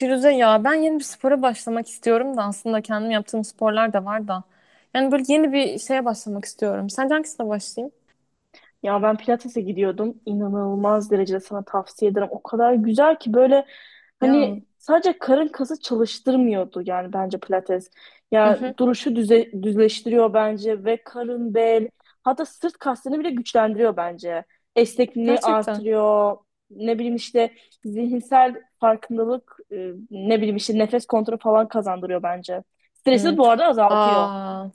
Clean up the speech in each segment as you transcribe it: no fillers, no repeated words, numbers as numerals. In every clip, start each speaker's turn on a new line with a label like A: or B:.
A: Firuze ya ben yeni bir spora başlamak istiyorum da aslında kendim yaptığım sporlar da var da. Yani böyle yeni bir şeye başlamak istiyorum. Sence hangisine başlayayım?
B: Ya ben pilatese gidiyordum. İnanılmaz derecede sana tavsiye ederim. O kadar güzel ki böyle
A: Ya.
B: hani sadece karın kası çalıştırmıyordu yani bence pilates.
A: Hı
B: Ya
A: hı.
B: duruşu düzleştiriyor bence ve karın, bel hatta sırt kaslarını bile güçlendiriyor bence. Esnekliğini
A: Gerçekten.
B: artırıyor. Ne bileyim işte zihinsel farkındalık, ne bileyim işte nefes kontrolü falan kazandırıyor bence. Stresi
A: Hı.
B: bu arada azaltıyor.
A: Aa,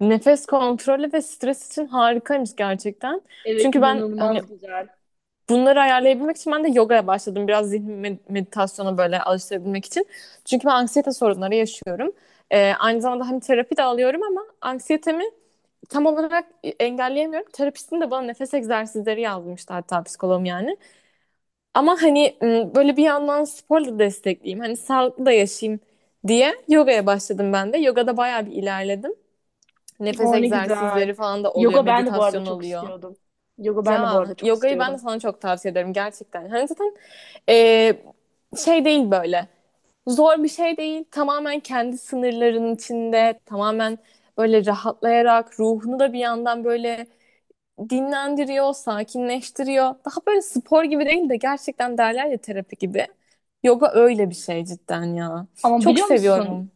A: nefes kontrolü ve stres için harikaymış gerçekten.
B: Evet,
A: Çünkü ben hani
B: inanılmaz güzel.
A: bunları ayarlayabilmek için ben de yogaya başladım. Biraz zihin meditasyona böyle alıştırabilmek için. Çünkü ben anksiyete sorunları yaşıyorum. Aynı zamanda hani terapi de alıyorum ama anksiyetemi tam olarak engelleyemiyorum. Terapistim de bana nefes egzersizleri yazmıştı hatta psikologum yani. Ama hani böyle bir yandan sporla destekleyeyim. Hani sağlıklı da yaşayayım diye yogaya başladım ben de. Yogada bayağı bir ilerledim. Nefes
B: O ne güzel.
A: egzersizleri falan da oluyor.
B: Yoga ben de bu arada
A: Meditasyon
B: çok
A: oluyor.
B: istiyordum. Yoga ben de bu arada
A: Ya
B: çok
A: yogayı ben de
B: istiyorum.
A: sana çok tavsiye ederim gerçekten. Hani zaten e, şey değil böyle. Zor bir şey değil. Tamamen kendi sınırların içinde. Tamamen böyle rahatlayarak ruhunu da bir yandan böyle dinlendiriyor, sakinleştiriyor. Daha böyle spor gibi değil de gerçekten derler ya terapi gibi. Yoga öyle bir şey cidden ya.
B: Ama
A: Çok
B: biliyor musun?
A: seviyorum.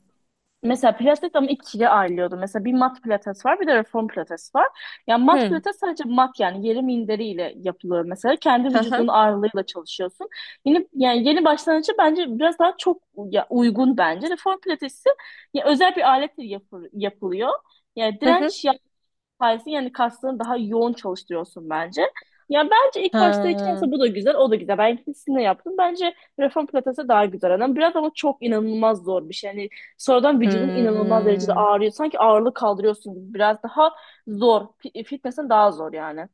B: Mesela pilates ama ikiye ayrılıyordu. Mesela bir mat pilates var, bir de reform pilates var. Yani mat
A: Hı.
B: pilates sadece mat yani yeri minderiyle yapılıyor mesela. Kendi
A: Hı
B: vücudunun
A: hı.
B: ağırlığıyla çalışıyorsun. Yani yeni başlangıcı bence biraz daha çok ya, uygun bence. Reform pilatesi ya, özel bir aletle yapılıyor. Yani
A: Hı hı.
B: direnç sayesinde yani kaslarını daha yoğun çalıştırıyorsun bence. Ya bence ilk başta için
A: Ha.
B: aslında bu da güzel, o da güzel. Ben ikisini de yaptım. Bence reform pilatesi daha güzel. Yani biraz ama çok inanılmaz zor bir şey. Yani sonradan vücudun inanılmaz derecede
A: Hmm.
B: ağrıyor. Sanki ağırlık kaldırıyorsun gibi. Biraz daha zor. Fitness'in daha zor yani.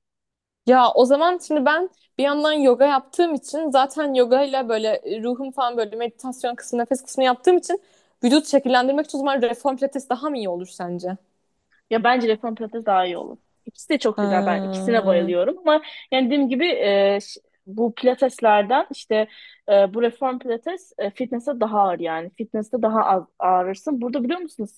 A: Ya o zaman şimdi ben bir yandan yoga yaptığım için zaten yoga ile böyle ruhum falan böyle meditasyon kısmı, nefes kısmı yaptığım için vücut şekillendirmek için o zaman reform pilates daha mı iyi olur sence?
B: Ya bence reform pilates daha iyi olur. İkisi de çok güzel. Ben ikisine
A: Ha.
B: bayılıyorum ama yani dediğim gibi bu pilateslerden işte bu reform pilates fitness'e daha ağır yani. Fitness'te daha az ağrırsın. Burada biliyor musunuz?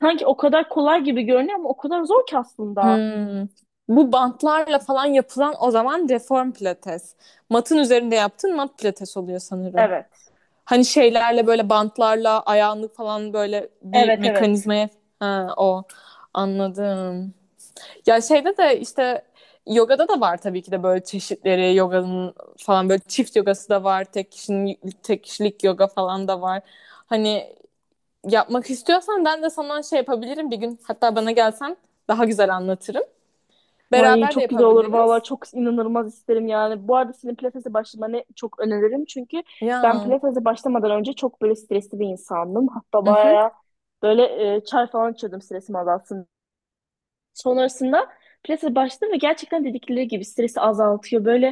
B: Sanki o kadar kolay gibi görünüyor ama o kadar zor ki aslında.
A: Hmm. Bu bantlarla falan yapılan o zaman reform pilates. Matın üzerinde yaptığın mat pilates oluyor sanırım.
B: Evet.
A: Hani şeylerle böyle bantlarla ayağını falan böyle bir
B: Evet, evet.
A: mekanizmaya ha, o anladım. Ya şeyde de işte yogada da var tabii ki de böyle çeşitleri yoganın falan böyle çift yogası da var. Tek kişinin tek kişilik yoga falan da var. Hani yapmak istiyorsan ben de sana şey yapabilirim bir gün. Hatta bana gelsen daha güzel anlatırım.
B: Ay
A: Beraber de
B: çok güzel olur vallahi,
A: yapabiliriz.
B: çok inanılmaz isterim yani. Bu arada senin pilatese başlamanı çok öneririm. Çünkü ben
A: Ya.
B: pilatese başlamadan önce çok böyle stresli bir insandım. Hatta
A: Hı hı.
B: bayağı böyle çay falan içiyordum stresimi azaltsın. Sonrasında pilatese başladım ve gerçekten dedikleri gibi stresi azaltıyor. Böyle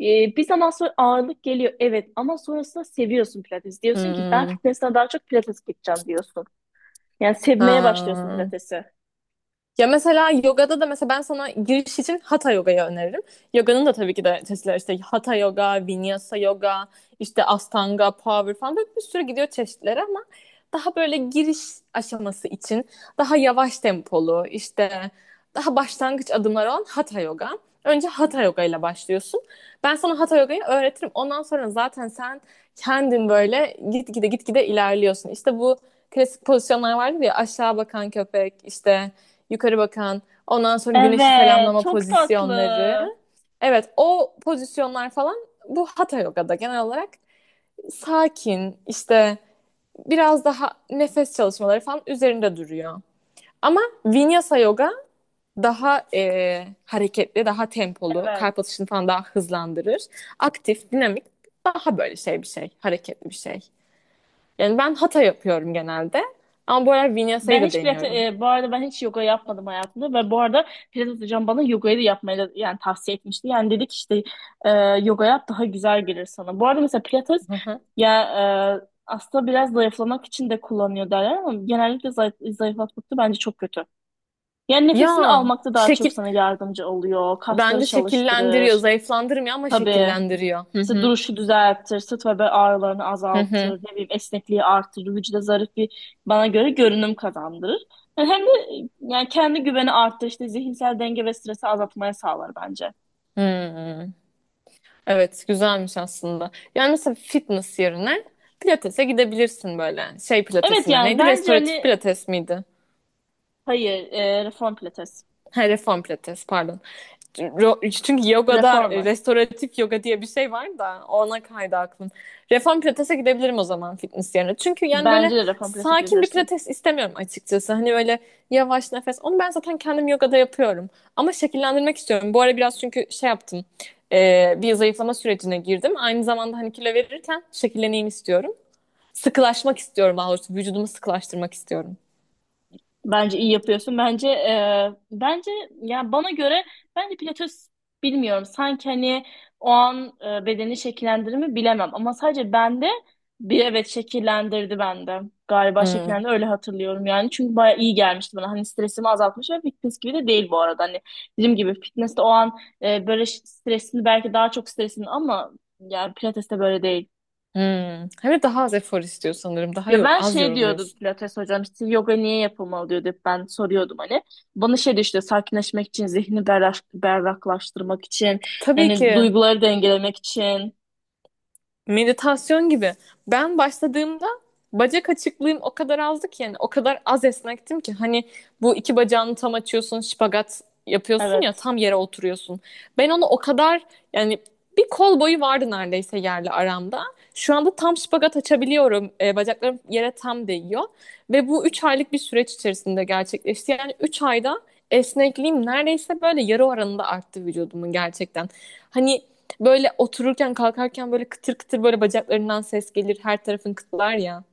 B: bir zaman sonra ağırlık geliyor, evet, ama sonrasında seviyorsun pilates. Diyorsun ki ben
A: Hmm.
B: fitness'ten daha çok pilates gideceğim diyorsun. Yani sevmeye başlıyorsun
A: Ha.
B: pilatesi.
A: Ya mesela yogada da mesela ben sana giriş için hatha yogayı öneririm. Yoganın da tabii ki de çeşitleri işte hatha yoga, vinyasa yoga, işte astanga, power falan böyle bir sürü gidiyor çeşitleri ama daha böyle giriş aşaması için daha yavaş tempolu işte daha başlangıç adımları olan hatha yoga. Önce hatha yoga ile başlıyorsun. Ben sana hatha yogayı öğretirim. Ondan sonra zaten sen kendin böyle gitgide gitgide ilerliyorsun. İşte bu klasik pozisyonlar vardı ya aşağı bakan köpek işte yukarı bakan, ondan sonra güneşi
B: Evet,
A: selamlama
B: çok
A: pozisyonları.
B: tatlı.
A: Evet, o pozisyonlar falan bu Hatha Yoga'da genel olarak sakin, işte biraz daha nefes çalışmaları falan üzerinde duruyor. Ama Vinyasa Yoga daha hareketli, daha tempolu,
B: Evet.
A: kalp atışını falan daha hızlandırır. Aktif, dinamik, daha böyle şey bir şey, hareketli bir şey. Yani ben Hatha yapıyorum genelde ama bu aralar Vinyasa'yı
B: Ben
A: da
B: hiç pilates,
A: deniyorum.
B: bu arada ben hiç yoga yapmadım hayatımda ve bu arada pilates hocam bana yogayı da yani tavsiye etmişti. Yani dedik işte e, yoga yap daha güzel gelir sana. Bu arada mesela pilates
A: Hı hı.
B: ya aslında biraz zayıflamak için de kullanıyor derler ama genellikle zayıflatmakta bence çok kötü. Yani nefesini
A: Ya
B: almakta daha çok
A: şekil,
B: sana yardımcı oluyor. Kasları
A: Bence şekillendiriyor,
B: çalıştırır.
A: zayıflandırmıyor ama
B: Tabii.
A: şekillendiriyor. Hı
B: İşte
A: hı,
B: duruşu düzeltir, sırt ve bel ağrılarını
A: hı hı.
B: azaltır, ne bileyim esnekliği artırır, vücuda zarif bir bana göre görünüm kazandırır. Yani hem de yani kendi güveni arttırır, işte zihinsel denge ve stresi azaltmaya sağlar bence.
A: Hmm. Evet, güzelmiş aslında. Yani mesela fitness yerine pilatese gidebilirsin böyle. Şey
B: Evet
A: pilatesine
B: yani
A: neydi?
B: bence
A: Restoratif
B: hani
A: pilates miydi?
B: hayır, reform pilates.
A: Ha, reform pilates, pardon. Çünkü yogada
B: Reformer.
A: restoratif yoga diye bir şey var da ona kaydı aklım. Reform pilatese gidebilirim o zaman fitness yerine. Çünkü yani böyle
B: Bence de reform pilates
A: sakin bir
B: gidebilirsin.
A: pilates istemiyorum açıkçası. Hani böyle yavaş nefes. Onu ben zaten kendim yogada yapıyorum. Ama şekillendirmek istiyorum. Bu ara biraz çünkü şey yaptım. Bir zayıflama sürecine girdim. Aynı zamanda hani kilo verirken şekilleneyim istiyorum. Sıkılaşmak istiyorum daha doğrusu. Vücudumu sıkılaştırmak istiyorum.
B: Bence iyi yapıyorsun. Bence ya bana göre bence pilates bilmiyorum. Sanki hani o an bedeni şekillendirir mi bilemem ama sadece bende bir, evet, şekillendirdi bende. Galiba
A: Hmm.
B: şekillendi, öyle hatırlıyorum yani. Çünkü baya iyi gelmişti bana. Hani stresimi azaltmış ve fitness gibi de değil bu arada. Hani dediğim gibi fitness de o an böyle stresini, belki daha çok stresini, ama yani pilates de böyle değil.
A: Hmm. Hem de daha az efor istiyor sanırım. Daha
B: Ya ben
A: az
B: şey diyordum
A: yoruluyorsun.
B: pilates hocam, işte yoga niye yapılmalı diyordu, hep ben soruyordum hani. Bana şey diyor işte sakinleşmek için, zihni berraklaştırmak için,
A: Tabii
B: yani
A: ki.
B: duyguları dengelemek için.
A: Meditasyon gibi. Ben başladığımda bacak açıklığım o kadar azdı ki yani o kadar az esnektim ki hani bu iki bacağını tam açıyorsun, şipagat yapıyorsun ya
B: Evet,
A: tam yere oturuyorsun. Ben onu o kadar yani bir kol boyu vardı neredeyse yerle aramda. Şu anda tam şipagat açabiliyorum. Bacaklarım yere tam değiyor. Ve bu 3 aylık bir süreç içerisinde gerçekleşti. Yani 3 ayda esnekliğim neredeyse böyle yarı oranında arttı vücudumun gerçekten. Hani böyle otururken kalkarken böyle kıtır kıtır böyle bacaklarından ses gelir. Her tarafın kıtlar ya.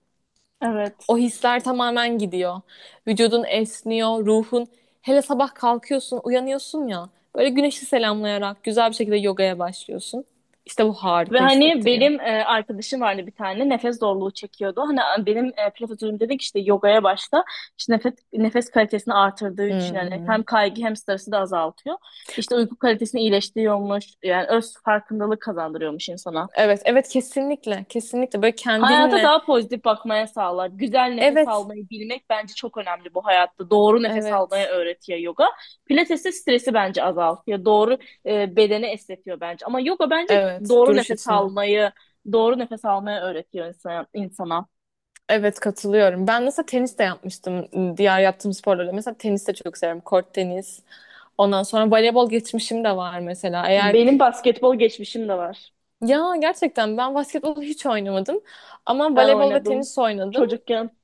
B: evet.
A: O hisler tamamen gidiyor. Vücudun esniyor, ruhun. Hele sabah kalkıyorsun, uyanıyorsun ya. Böyle güneşi selamlayarak güzel bir şekilde yogaya başlıyorsun. İşte bu
B: Ve
A: harika
B: hani
A: hissettiriyor.
B: benim arkadaşım vardı bir tane, nefes zorluğu çekiyordu. Hani benim pilates hocam dedi ki işte yogaya başla. İşte nefes kalitesini artırdığı için yani
A: Hmm.
B: hem kaygı hem stresi de azaltıyor. İşte uyku kalitesini iyileştiriyormuş. Yani öz farkındalık kazandırıyormuş insana.
A: Evet, evet kesinlikle. Kesinlikle böyle
B: Hayata
A: kendinle.
B: daha pozitif bakmaya sağlar. Güzel nefes
A: Evet,
B: almayı bilmek bence çok önemli bu hayatta. Doğru nefes almayı
A: evet,
B: öğretiyor yoga. Pilates de stresi bence azaltıyor. Doğru bedeni esnetiyor bence. Ama yoga bence
A: evet.
B: doğru
A: Duruş
B: nefes
A: içinde.
B: almayı, doğru nefes almayı öğretiyor insana.
A: Evet katılıyorum. Ben mesela tenis de yapmıştım diğer yaptığım sporlarla. Mesela tenis de çok severim. Kort tenis. Ondan sonra voleybol geçmişim de var mesela. Eğer
B: Benim basketbol geçmişim de var.
A: ya gerçekten ben basketbol hiç oynamadım ama
B: Ben
A: voleybol ve
B: oynadım
A: tenis oynadım.
B: çocukken.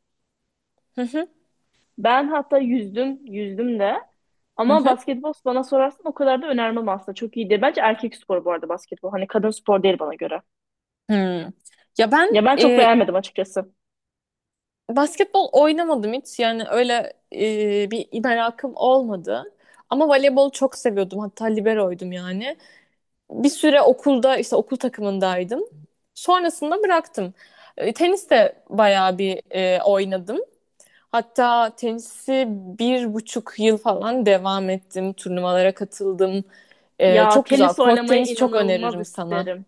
B: Ben hatta yüzdüm de. Ama basketbol bana sorarsan o kadar da önermem aslında. Çok iyi değil. Bence erkek sporu bu arada basketbol. Hani kadın spor değil bana göre.
A: Hmm. Ya ben
B: Ya ben çok beğenmedim açıkçası.
A: basketbol oynamadım hiç. Yani öyle bir merakım olmadı. Ama voleybolu çok seviyordum. Hatta liberoydum yani. Bir süre okulda işte okul takımındaydım. Sonrasında bıraktım. Tenis de bayağı bir oynadım. Hatta tenisi 1,5 yıl falan devam ettim. Turnuvalara katıldım. Ee,
B: Ya
A: çok güzel.
B: tenis
A: Kort
B: oynamayı
A: tenis çok
B: inanılmaz
A: öneririm sana.
B: isterim.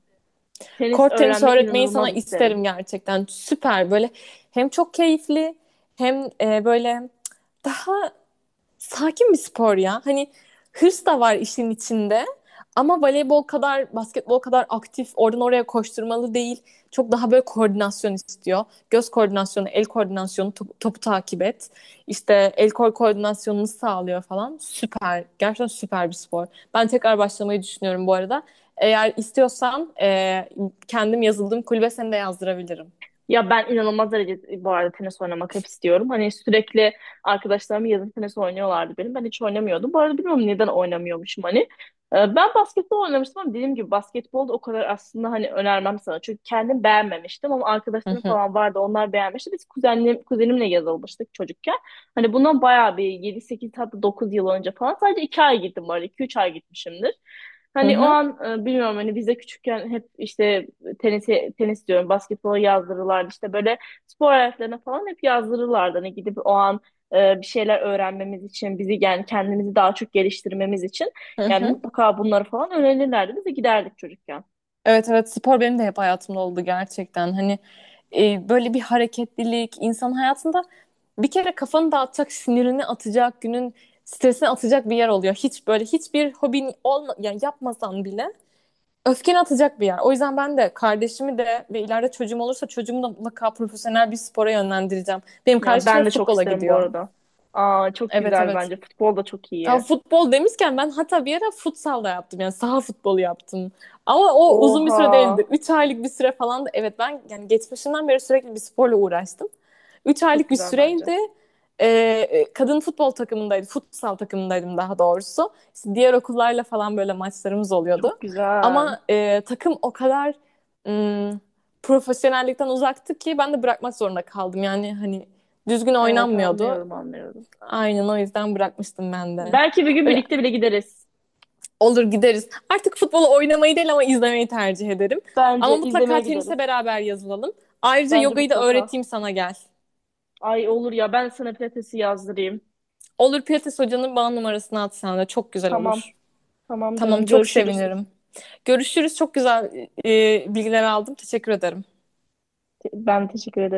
B: Tenis
A: Kort tenis
B: öğrenmeyi
A: öğretmeyi sana
B: inanılmaz isterim.
A: isterim gerçekten. Süper böyle hem çok keyifli hem böyle daha sakin bir spor ya. Hani hırs da var işin içinde. Ama voleybol kadar, basketbol kadar aktif, oradan oraya koşturmalı değil. Çok daha böyle koordinasyon istiyor. Göz koordinasyonu, el koordinasyonu, topu takip et. İşte el kol koordinasyonunu sağlıyor falan. Süper. Gerçekten süper bir spor. Ben tekrar başlamayı düşünüyorum bu arada. Eğer istiyorsan kendim yazıldığım kulübe seni de yazdırabilirim.
B: Ya ben inanılmaz derecede bu arada tenis oynamak hep istiyorum. Hani sürekli arkadaşlarım yazın tenis oynuyorlardı benim. Ben hiç oynamıyordum. Bu arada bilmiyorum neden oynamıyormuşum hani. Ben basketbol oynamıştım ama dediğim gibi basketbol da o kadar aslında hani önermem sana. Çünkü kendim beğenmemiştim ama
A: Hı
B: arkadaşlarım
A: hı.
B: falan vardı, onlar beğenmişti. Biz kuzenimle yazılmıştık çocukken. Hani bundan bayağı bir 7 8 hatta 9 yıl önce falan, sadece 2 ay gittim bu arada, 2-3 ay gitmişimdir.
A: Hı
B: Hani o
A: hı.
B: an bilmiyorum, hani biz de küçükken hep işte tenisi, tenis diyorum, basketbola yazdırırlardı, işte böyle spor hayatlarına falan hep yazdırırlardı. Hani gidip o an bir şeyler öğrenmemiz için bizi, yani kendimizi daha çok geliştirmemiz için
A: Hı
B: yani,
A: hı.
B: mutlaka bunları falan öğrenirlerdi. Biz de giderdik çocukken.
A: Evet evet spor benim de hep hayatımda oldu gerçekten. Hani böyle bir hareketlilik insan hayatında bir kere kafanı dağıtacak, sinirini atacak, günün stresini atacak bir yer oluyor. Hiç böyle hiçbir hobin olma yani yapmasan bile öfkeni atacak bir yer. O yüzden ben de kardeşimi de ve ileride çocuğum olursa çocuğumu da mutlaka profesyonel bir spora yönlendireceğim. Benim
B: Ya
A: kardeşim de
B: ben de çok
A: futbola
B: isterim bu
A: gidiyor.
B: arada. Aa, çok
A: Evet
B: güzel
A: evet.
B: bence. Futbol da çok
A: Ya
B: iyi.
A: futbol demişken ben hatta bir ara futsal da yaptım. Yani saha futbolu yaptım. Ama o uzun bir
B: Oha.
A: süre değildi. 3 aylık bir süre falan evet ben yani geçmişimden beri sürekli bir sporla uğraştım. Üç
B: Çok
A: aylık bir
B: güzel bence.
A: süreydi. Ee, kadın futbol takımındaydım, Futsal takımındaydım daha doğrusu. İşte diğer okullarla falan böyle maçlarımız
B: Çok
A: oluyordu.
B: güzel.
A: Ama takım o kadar ım, profesyonellikten uzaktı ki ben de bırakmak zorunda kaldım. Yani hani düzgün
B: Evet,
A: oynanmıyordu.
B: anlıyorum, anlıyorum.
A: Aynen o yüzden bırakmıştım ben de.
B: Belki bir gün
A: Öyle
B: birlikte bile gideriz.
A: olur gideriz. Artık futbolu oynamayı değil ama izlemeyi tercih ederim. Ama
B: Bence izlemeye
A: mutlaka
B: gideriz.
A: tenise beraber yazılalım. Ayrıca
B: Bence
A: yogayı da
B: mutlaka.
A: öğreteyim sana gel.
B: Ay olur ya, ben sana pilatesi yazdırayım.
A: Olur Pilates hocanın bana numarasını at sana da çok güzel
B: Tamam.
A: olur.
B: Tamam
A: Tamam
B: canım,
A: çok
B: görüşürüz.
A: sevinirim. Görüşürüz. Çok güzel bilgiler aldım. Teşekkür ederim.
B: Ben teşekkür ederim.